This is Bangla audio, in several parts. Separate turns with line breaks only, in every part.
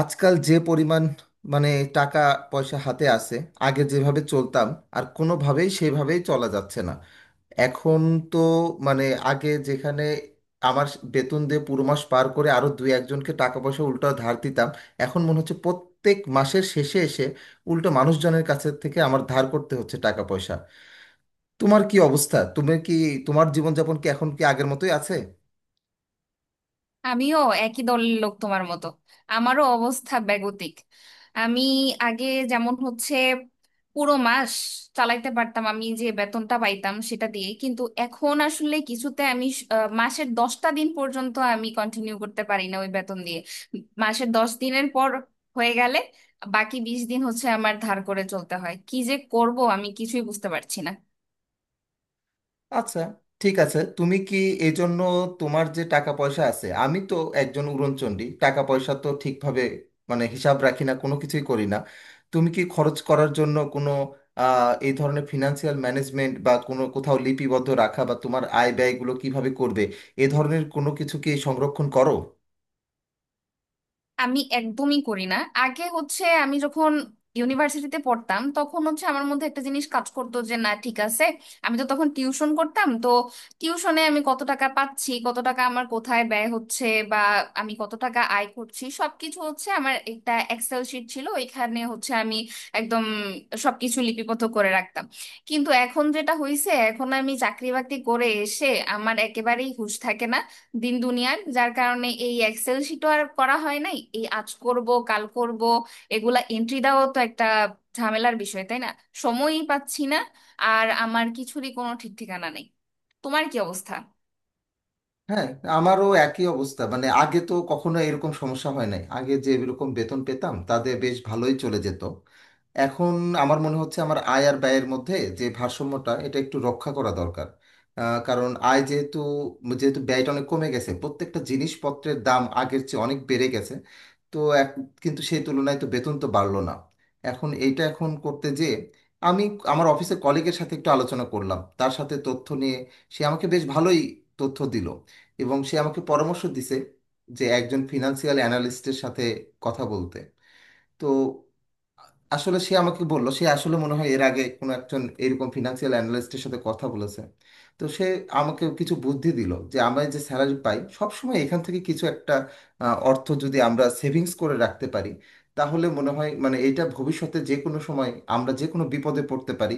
আজকাল যে পরিমাণ মানে টাকা পয়সা হাতে আছে, আগে যেভাবে চলতাম আর কোনোভাবেই সেভাবেই চলা যাচ্ছে না এখন তো। মানে আগে যেখানে আমার বেতন দিয়ে পুরো মাস পার করে আরো দুই একজনকে টাকা পয়সা উল্টো ধার দিতাম, এখন মনে হচ্ছে প্রত্যেক মাসের শেষে এসে উল্টো মানুষজনের কাছে থেকে আমার ধার করতে হচ্ছে টাকা পয়সা। তোমার কি অবস্থা? তুমি কি, তোমার জীবনযাপন কি এখন কি আগের মতোই আছে?
আমিও একই দলের লোক তোমার মতো। আমারও অবস্থা বেগতিক। আমি আগে যেমন হচ্ছে পুরো মাস চালাইতে পারতাম আমি যে বেতনটা পাইতাম সেটা দিয়ে, কিন্তু এখন আসলে কিছুতে আমি মাসের 10টা দিন পর্যন্ত আমি কন্টিনিউ করতে পারি না ওই বেতন দিয়ে। মাসের দশ দিনের পর হয়ে গেলে বাকি 20 দিন হচ্ছে আমার ধার করে চলতে হয়। কি যে করব আমি কিছুই বুঝতে পারছি না।
আচ্ছা, ঠিক আছে। তুমি কি এই জন্য, তোমার যে টাকা পয়সা আছে, আমি তো একজন উড়নচণ্ডী, টাকা পয়সা তো ঠিকভাবে মানে হিসাব রাখি না, কোনো কিছুই করি না। তুমি কি খরচ করার জন্য কোনো এই ধরনের ফিনান্সিয়াল ম্যানেজমেন্ট বা কোনো কোথাও লিপিবদ্ধ রাখা বা তোমার আয় ব্যয়গুলো কিভাবে করবে, এ ধরনের কোনো কিছু কি সংরক্ষণ করো?
আমি একদমই করি না। আগে হচ্ছে আমি যখন ইউনিভার্সিটিতে পড়তাম তখন হচ্ছে আমার মধ্যে একটা জিনিস কাজ করতো যে না ঠিক আছে, আমি তো তখন টিউশন করতাম, তো টিউশনে আমি কত টাকা পাচ্ছি, কত টাকা আমার কোথায় ব্যয় হচ্ছে, বা আমি কত টাকা আয় করছি সবকিছু হচ্ছে আমার একটা এক্সেল শিট ছিল, ওইখানে হচ্ছে আমি একদম সবকিছু লিপিবদ্ধ করে রাখতাম। কিন্তু এখন যেটা হয়েছে, এখন আমি চাকরি বাকরি করে এসে আমার একেবারেই হুঁশ থাকে না দিন দুনিয়ার, যার কারণে এই এক্সেল শিটও আর করা হয় নাই। এই আজ করব কাল করব, এগুলা এন্ট্রি দেওয়াও তো একটা ঝামেলার বিষয়, তাই না? সময়ই পাচ্ছি না। আর আমার কিছুরই কোনো ঠিক ঠিকানা নেই। তোমার কি অবস্থা?
হ্যাঁ, আমারও একই অবস্থা। মানে আগে তো কখনো এরকম সমস্যা হয় নাই, আগে যে এরকম বেতন পেতাম তাতে বেশ ভালোই চলে যেত। এখন আমার মনে হচ্ছে আমার আয় আর ব্যয়ের মধ্যে যে ভারসাম্যটা এটা একটু রক্ষা করা দরকার। কারণ আয় যেহেতু যেহেতু ব্যয়টা অনেক কমে গেছে, প্রত্যেকটা জিনিসপত্রের দাম আগের চেয়ে অনেক বেড়ে গেছে, তো এক, কিন্তু সেই তুলনায় তো বেতন তো বাড়লো না। এখন এইটা এখন করতে, যে আমি আমার অফিসের কলিগের সাথে একটু আলোচনা করলাম, তার সাথে তথ্য নিয়ে সে আমাকে বেশ ভালোই তথ্য দিল এবং সে আমাকে পরামর্শ দিছে যে একজন ফিনান্সিয়াল অ্যানালিস্টের সাথে কথা বলতে। তো আসলে সে আমাকে বললো, সে আসলে মনে হয় এর আগে কোনো একজন এরকম ফিনান্সিয়াল অ্যানালিস্টের সাথে কথা বলেছে। তো সে আমাকে কিছু বুদ্ধি দিল যে আমরা যে স্যালারি পাই সবসময় এখান থেকে কিছু একটা অর্থ যদি আমরা সেভিংস করে রাখতে পারি, তাহলে মনে হয় মানে এটা ভবিষ্যতে যে কোনো সময় আমরা যে কোনো বিপদে পড়তে পারি।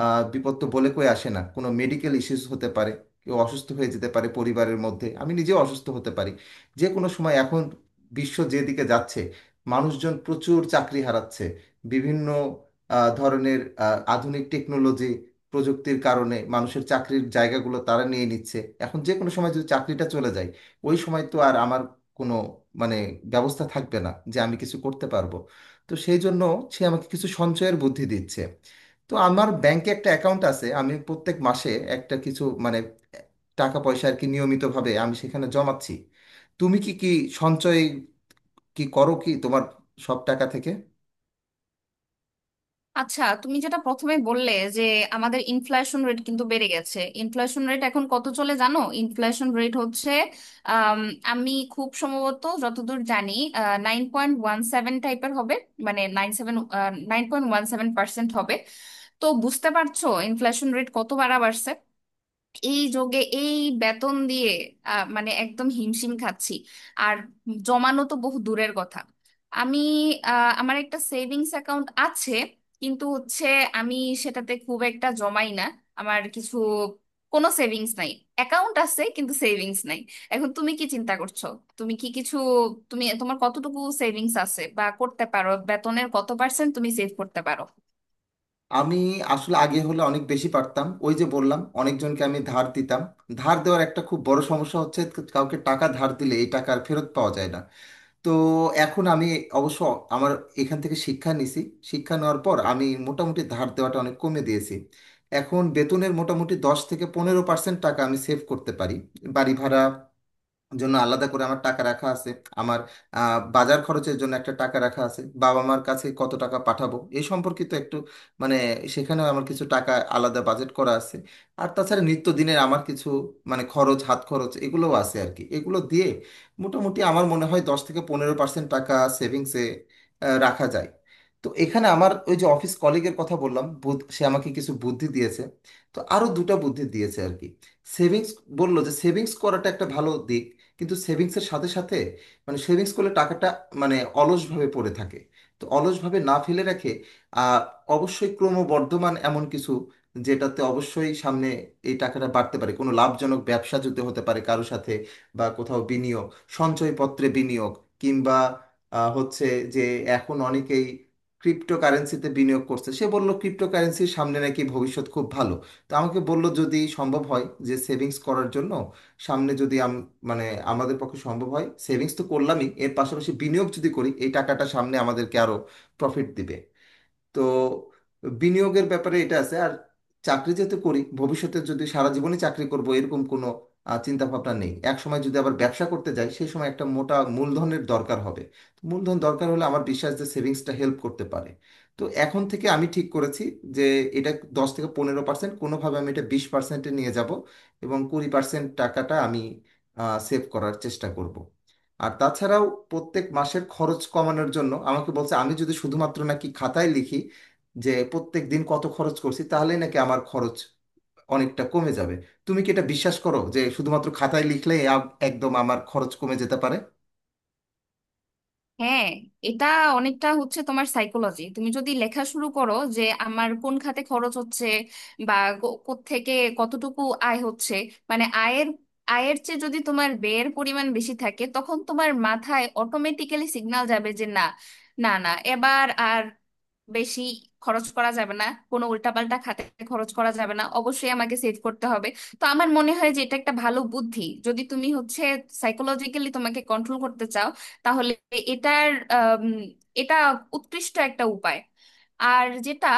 বিপদ তো বলে কই আসে না, কোনো মেডিকেল ইস্যুস হতে পারে, কেউ অসুস্থ হয়ে যেতে পারে পরিবারের মধ্যে, আমি নিজেও অসুস্থ হতে পারি যে কোনো সময়। এখন বিশ্ব যেদিকে যাচ্ছে, মানুষজন প্রচুর চাকরি হারাচ্ছে, বিভিন্ন ধরনের আধুনিক টেকনোলজি প্রযুক্তির কারণে মানুষের চাকরির জায়গাগুলো তারা নিয়ে নিচ্ছে। এখন যে কোনো সময় যদি চাকরিটা চলে যায়, ওই সময় তো আর আমার কোনো মানে ব্যবস্থা থাকবে না যে আমি কিছু করতে পারবো। তো সেই জন্য সে আমাকে কিছু সঞ্চয়ের বুদ্ধি দিচ্ছে। তো আমার ব্যাংকে একটা অ্যাকাউন্ট আছে, আমি প্রত্যেক মাসে একটা কিছু মানে টাকা পয়সা আর কি নিয়মিতভাবে আমি সেখানে জমাচ্ছি। তুমি কি কি সঞ্চয় কি করো কি তোমার সব টাকা থেকে?
আচ্ছা, তুমি যেটা প্রথমে বললে যে আমাদের ইনফ্লেশন রেট কিন্তু বেড়ে গেছে। ইনফ্লেশন রেট এখন কত চলে জানো? ইনফ্লেশন রেট হচ্ছে আম, আমি খুব সম্ভবত যতদূর জানি 9.17 টাইপের হবে। মানে 9.7, 9.17% হবে। তো বুঝতে পারছো ইনফ্লেশন রেট কত বাড়া বাড়ছে? এই যোগে এই বেতন দিয়ে মানে একদম হিমশিম খাচ্ছি। আর জমানো তো বহু দূরের কথা। আমি আমার একটা সেভিংস অ্যাকাউন্ট আছে, কিন্তু হচ্ছে আমি সেটাতে খুব একটা জমাই না। আমার কিছু কোনো সেভিংস নাই। অ্যাকাউন্ট আছে কিন্তু সেভিংস নাই। এখন তুমি কি চিন্তা করছো? তুমি কি কিছু, তুমি তোমার কতটুকু সেভিংস আছে বা করতে পারো? বেতনের কত পার্সেন্ট তুমি সেভ করতে পারো?
আমি আসলে আগে হলে অনেক বেশি পারতাম, ওই যে বললাম অনেকজনকে আমি ধার দিতাম। ধার দেওয়ার একটা খুব বড় সমস্যা হচ্ছে, কাউকে টাকা ধার দিলে এই টাকা আর ফেরত পাওয়া যায় না। তো এখন আমি অবশ্য আমার এখান থেকে শিক্ষা নিছি। শিক্ষা নেওয়ার পর আমি মোটামুটি ধার দেওয়াটা অনেক কমে দিয়েছি। এখন বেতনের মোটামুটি 10 থেকে 15% টাকা আমি সেভ করতে পারি। বাড়ি ভাড়া জন্য আলাদা করে আমার টাকা রাখা আছে, আমার বাজার খরচের জন্য একটা টাকা রাখা আছে, বাবা মার কাছে কত টাকা পাঠাবো এই সম্পর্কিত একটু মানে সেখানেও আমার কিছু টাকা আলাদা বাজেট করা আছে। আর তাছাড়া নিত্যদিনের আমার কিছু মানে খরচ, হাত খরচ, এগুলোও আছে আর কি। এগুলো দিয়ে মোটামুটি আমার মনে হয় 10 থেকে 15% টাকা সেভিংসে রাখা যায়। তো এখানে আমার ওই যে অফিস কলিগের কথা বললাম, সে আমাকে কিছু বুদ্ধি দিয়েছে। তো আরো দুটো বুদ্ধি দিয়েছে আর কি। সেভিংস, বললো যে সেভিংস করাটা একটা ভালো দিক, কিন্তু সেভিংসের সাথে সাথে মানে সেভিংস করলে টাকাটা মানে অলসভাবে পড়ে থাকে। তো অলসভাবে না ফেলে রেখে আহ, অবশ্যই ক্রমবর্ধমান এমন কিছু, যেটাতে অবশ্যই সামনে এই টাকাটা বাড়তে পারে, কোনো লাভজনক ব্যবসা যদি হতে পারে কারো সাথে, বা কোথাও বিনিয়োগ, সঞ্চয়পত্রে বিনিয়োগ, কিংবা হচ্ছে যে এখন অনেকেই ক্রিপ্টোকারেন্সিতে বিনিয়োগ করছে। সে বলল ক্রিপ্টোকারেন্সির সামনে নাকি ভবিষ্যৎ খুব ভালো। তো আমাকে বলল যদি সম্ভব হয় যে সেভিংস করার জন্য, সামনে যদি মানে আমাদের পক্ষে সম্ভব হয় সেভিংস তো করলামই, এর পাশাপাশি বিনিয়োগ যদি করি এই টাকাটা সামনে আমাদেরকে আরো প্রফিট দিবে। তো বিনিয়োগের ব্যাপারে এটা আছে। আর চাকরি যেহেতু করি, ভবিষ্যতে যদি সারা জীবনই চাকরি করব এরকম কোনো চিন্তা ভাবনা নেই, এক সময় যদি আবার ব্যবসা করতে যাই সেই সময় একটা মোটা মূলধনের দরকার হবে। তো মূলধন দরকার হলে আমার বিশ্বাস যে সেভিংসটা হেল্প করতে পারে। তো এখন থেকে আমি ঠিক করেছি যে এটা 10 থেকে 15% কোনোভাবে আমি এটা 20%-এ নিয়ে যাব, এবং 20% টাকাটা আমি সেভ করার চেষ্টা করব। আর তাছাড়াও প্রত্যেক মাসের খরচ কমানোর জন্য আমাকে বলছে আমি যদি শুধুমাত্র নাকি খাতায় লিখি যে প্রত্যেক দিন কত খরচ করছি, তাহলেই নাকি আমার খরচ অনেকটা কমে যাবে। তুমি কি এটা বিশ্বাস করো যে শুধুমাত্র খাতায় লিখলে একদম আমার খরচ কমে যেতে পারে?
হ্যাঁ, এটা অনেকটা হচ্ছে তোমার সাইকোলজি। তুমি যদি লেখা শুরু করো যে আমার কোন খাতে খরচ হচ্ছে, বা থেকে কতটুকু আয় হচ্ছে, মানে আয়ের, আয়ের চেয়ে যদি তোমার ব্যয়ের পরিমাণ বেশি থাকে, তখন তোমার মাথায় অটোমেটিক্যালি সিগন্যাল যাবে যে না, না না, এবার আর বেশি খরচ করা যাবে না, কোনো উল্টাপাল্টা খাতে খরচ করা যাবে না, অবশ্যই আমাকে সেভ করতে হবে। তো আমার মনে হয় যে এটা একটা ভালো বুদ্ধি। যদি তুমি হচ্ছে সাইকোলজিক্যালি তোমাকে কন্ট্রোল করতে চাও, তাহলে এটার আম, এটা উৎকৃষ্ট একটা উপায়। আর যেটা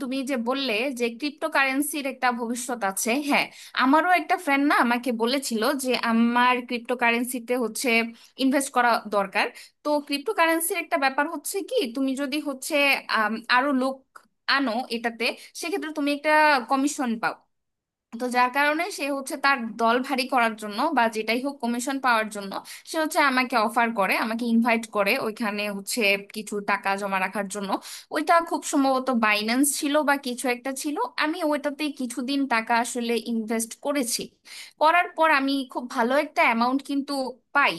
তুমি যে বললে যে ক্রিপ্টোকারেন্সির একটা ভবিষ্যৎ আছে, হ্যাঁ, আমারও একটা ফ্রেন্ড না আমাকে বলেছিল যে আমার ক্রিপ্টোকারেন্সিতে হচ্ছে ইনভেস্ট করা দরকার। তো ক্রিপ্টোকারেন্সির একটা ব্যাপার হচ্ছে কি, তুমি যদি হচ্ছে আরো লোক আনো এটাতে, সেক্ষেত্রে তুমি একটা কমিশন পাও। তো যার কারণে সে হচ্ছে তার দল ভারী করার জন্য বা যেটাই হোক কমিশন পাওয়ার জন্য সে হচ্ছে আমাকে অফার করে, আমাকে ইনভাইট করে ওইখানে হচ্ছে কিছু টাকা জমা রাখার জন্য। ওইটা খুব সম্ভবত বাইন্যান্স ছিল বা কিছু একটা ছিল। আমি ওইটাতে কিছুদিন টাকা আসলে ইনভেস্ট করেছি। করার পর আমি খুব ভালো একটা অ্যামাউন্ট কিন্তু পাই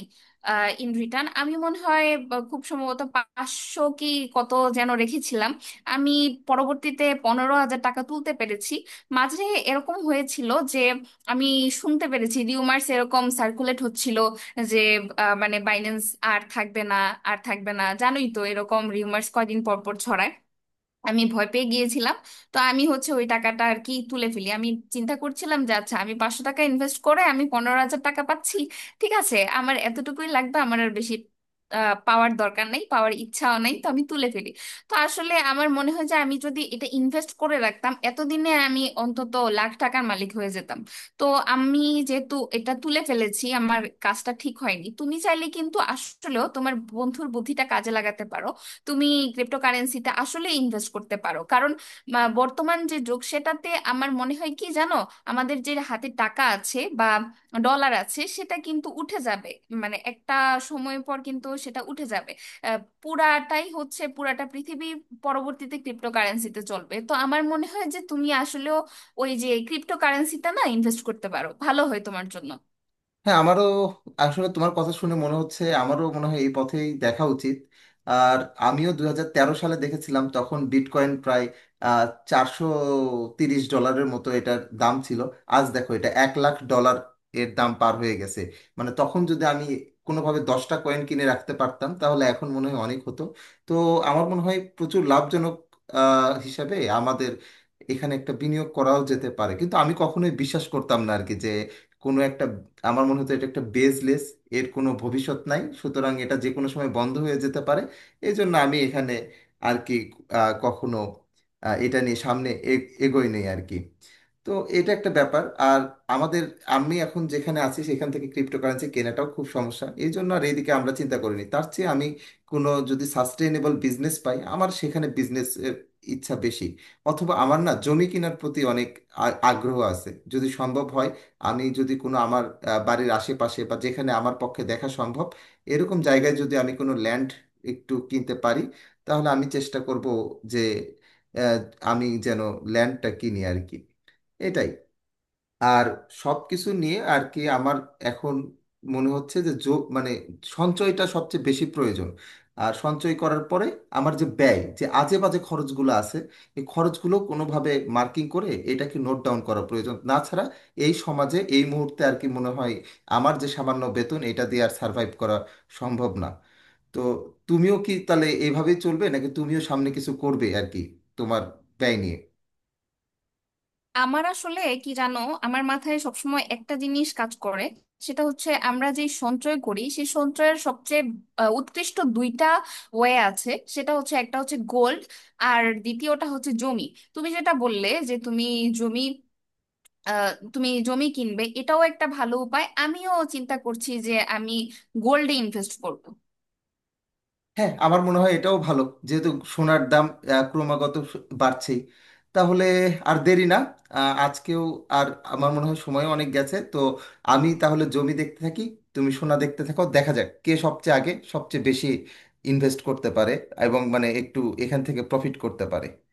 ইন রিটার্ন। আমি মনে হয় বা খুব সম্ভবত 500 কি কত যেন রেখেছিলাম। আমি পরবর্তীতে 15,000 টাকা তুলতে পেরেছি। মাঝে এরকম হয়েছিল যে আমি শুনতে পেরেছি রিউমার্স এরকম সার্কুলেট হচ্ছিল যে মানে বাইন্যান্স আর থাকবে না, আর থাকবে না। জানোই তো এরকম রিউমার্স কয়দিন পর পর ছড়ায়। আমি ভয় পেয়ে গিয়েছিলাম। তো আমি হচ্ছে ওই টাকাটা আর কি তুলে ফেলি। আমি চিন্তা করছিলাম যে আচ্ছা আমি 500 টাকা ইনভেস্ট করে আমি 15,000 টাকা পাচ্ছি, ঠিক আছে আমার এতটুকুই লাগবে, আমার আর বেশি পাওয়ার দরকার নেই, পাওয়ার ইচ্ছাও নেই, তো আমি তুলে ফেলি। তো আসলে আমার মনে হয় যে আমি যদি এটা ইনভেস্ট করে রাখতাম এতদিনে আমি অন্তত লাখ টাকার মালিক হয়ে যেতাম। তো আমি যেহেতু এটা তুলে ফেলেছি আমার কাজটা ঠিক হয়নি। তুমি চাইলে কিন্তু আসলেও তোমার বন্ধুর বুদ্ধিটা কাজে লাগাতে পারো। তুমি ক্রিপ্টোকারেন্সিতে আসলে ইনভেস্ট করতে পারো, কারণ বর্তমান যে যুগ সেটাতে আমার মনে হয় কি জানো, আমাদের যে হাতে টাকা আছে বা ডলার আছে সেটা কিন্তু উঠে যাবে। মানে একটা সময় পর কিন্তু সেটা উঠে যাবে। পুরাটাই হচ্ছে, পুরাটা পৃথিবী পরবর্তীতে ক্রিপ্টোকারেন্সিতে চলবে। তো আমার মনে হয় যে তুমি আসলেও ওই যে ক্রিপ্টোকারেন্সিতে না ইনভেস্ট করতে পারো, ভালো হয় তোমার জন্য।
হ্যাঁ, আমারও আসলে তোমার কথা শুনে মনে হচ্ছে, আমারও মনে হয় এই পথেই দেখা উচিত। আর আমিও 2013 সালে দেখেছিলাম, তখন বিটকয়েন প্রায় $430-এর মতো এটার দাম ছিল। আজ দেখো এটা $1,00,000 এর দাম পার হয়ে গেছে। মানে তখন যদি আমি কোনোভাবে 10টা কয়েন কিনে রাখতে পারতাম তাহলে এখন মনে হয় অনেক হতো। তো আমার মনে হয় প্রচুর লাভজনক হিসাবে আমাদের এখানে একটা বিনিয়োগ করাও যেতে পারে, কিন্তু আমি কখনোই বিশ্বাস করতাম না আর কি যে কোনো একটা, আমার মনে হতো এটা একটা বেসলেস, এর কোনো ভবিষ্যৎ নাই, সুতরাং এটা যে কোনো সময় বন্ধ হয়ে যেতে পারে। এই জন্য আমি এখানে আর কি কখনো এটা নিয়ে সামনে এগোই নেই আর কি। তো এটা একটা ব্যাপার। আর আমাদের, আমি এখন যেখানে আছি সেখান থেকে ক্রিপ্টোকারেন্সি কেনাটাও খুব সমস্যা, এই জন্য আর এইদিকে আমরা চিন্তা করিনি। তার চেয়ে আমি কোনো যদি সাস্টেইনেবল বিজনেস পাই, আমার সেখানে বিজনেস ইচ্ছা বেশি। অথবা আমার না জমি কেনার প্রতি অনেক আগ্রহ আছে। যদি সম্ভব হয় আমি যদি কোনো আমার বাড়ির আশেপাশে বা যেখানে আমার পক্ষে দেখা সম্ভব এরকম জায়গায় যদি আমি কোনো ল্যান্ড একটু কিনতে পারি, তাহলে আমি চেষ্টা করব যে আহ, আমি যেন ল্যান্ডটা কিনি আর কি। এটাই। আর সবকিছু নিয়ে আর কি আমার এখন মনে হচ্ছে যে যোগ মানে সঞ্চয়টা সবচেয়ে বেশি প্রয়োজন। আর সঞ্চয় করার পরে আমার যে ব্যয়, যে আজে বাজে খরচগুলো আছে, এই খরচগুলো কোনোভাবে মার্কিং করে এটাকে নোট ডাউন করা প্রয়োজন, না ছাড়া এই সমাজে এই মুহূর্তে আর কি মনে হয় আমার যে সামান্য বেতন এটা দিয়ে আর সার্ভাইভ করা সম্ভব না। তো তুমিও কি তাহলে এইভাবেই চলবে, নাকি তুমিও সামনে কিছু করবে আর কি তোমার ব্যয় নিয়ে?
আমার আসলে কি জানো, আমার মাথায় সবসময় একটা জিনিস কাজ করে, সেটা হচ্ছে আমরা যে সঞ্চয় করি সেই সঞ্চয়ের সবচেয়ে উৎকৃষ্ট দুইটা ওয়ে আছে। সেটা হচ্ছে একটা হচ্ছে গোল্ড, আর দ্বিতীয়টা হচ্ছে জমি। তুমি যেটা বললে যে তুমি জমি, আহ, তুমি জমি কিনবে, এটাও একটা ভালো উপায়। আমিও চিন্তা করছি যে আমি গোল্ডে ইনভেস্ট করব।
হ্যাঁ, আমার মনে হয় এটাও ভালো, যেহেতু সোনার দাম ক্রমাগত বাড়ছেই। তাহলে আর দেরি না, আজকেও, আর আমার মনে হয় সময়ও অনেক গেছে। তো আমি তাহলে জমি দেখতে থাকি, তুমি সোনা দেখতে থাকো, দেখা যাক কে সবচেয়ে আগে সবচেয়ে বেশি ইনভেস্ট করতে পারে এবং মানে একটু এখান থেকে প্রফিট করতে পারে।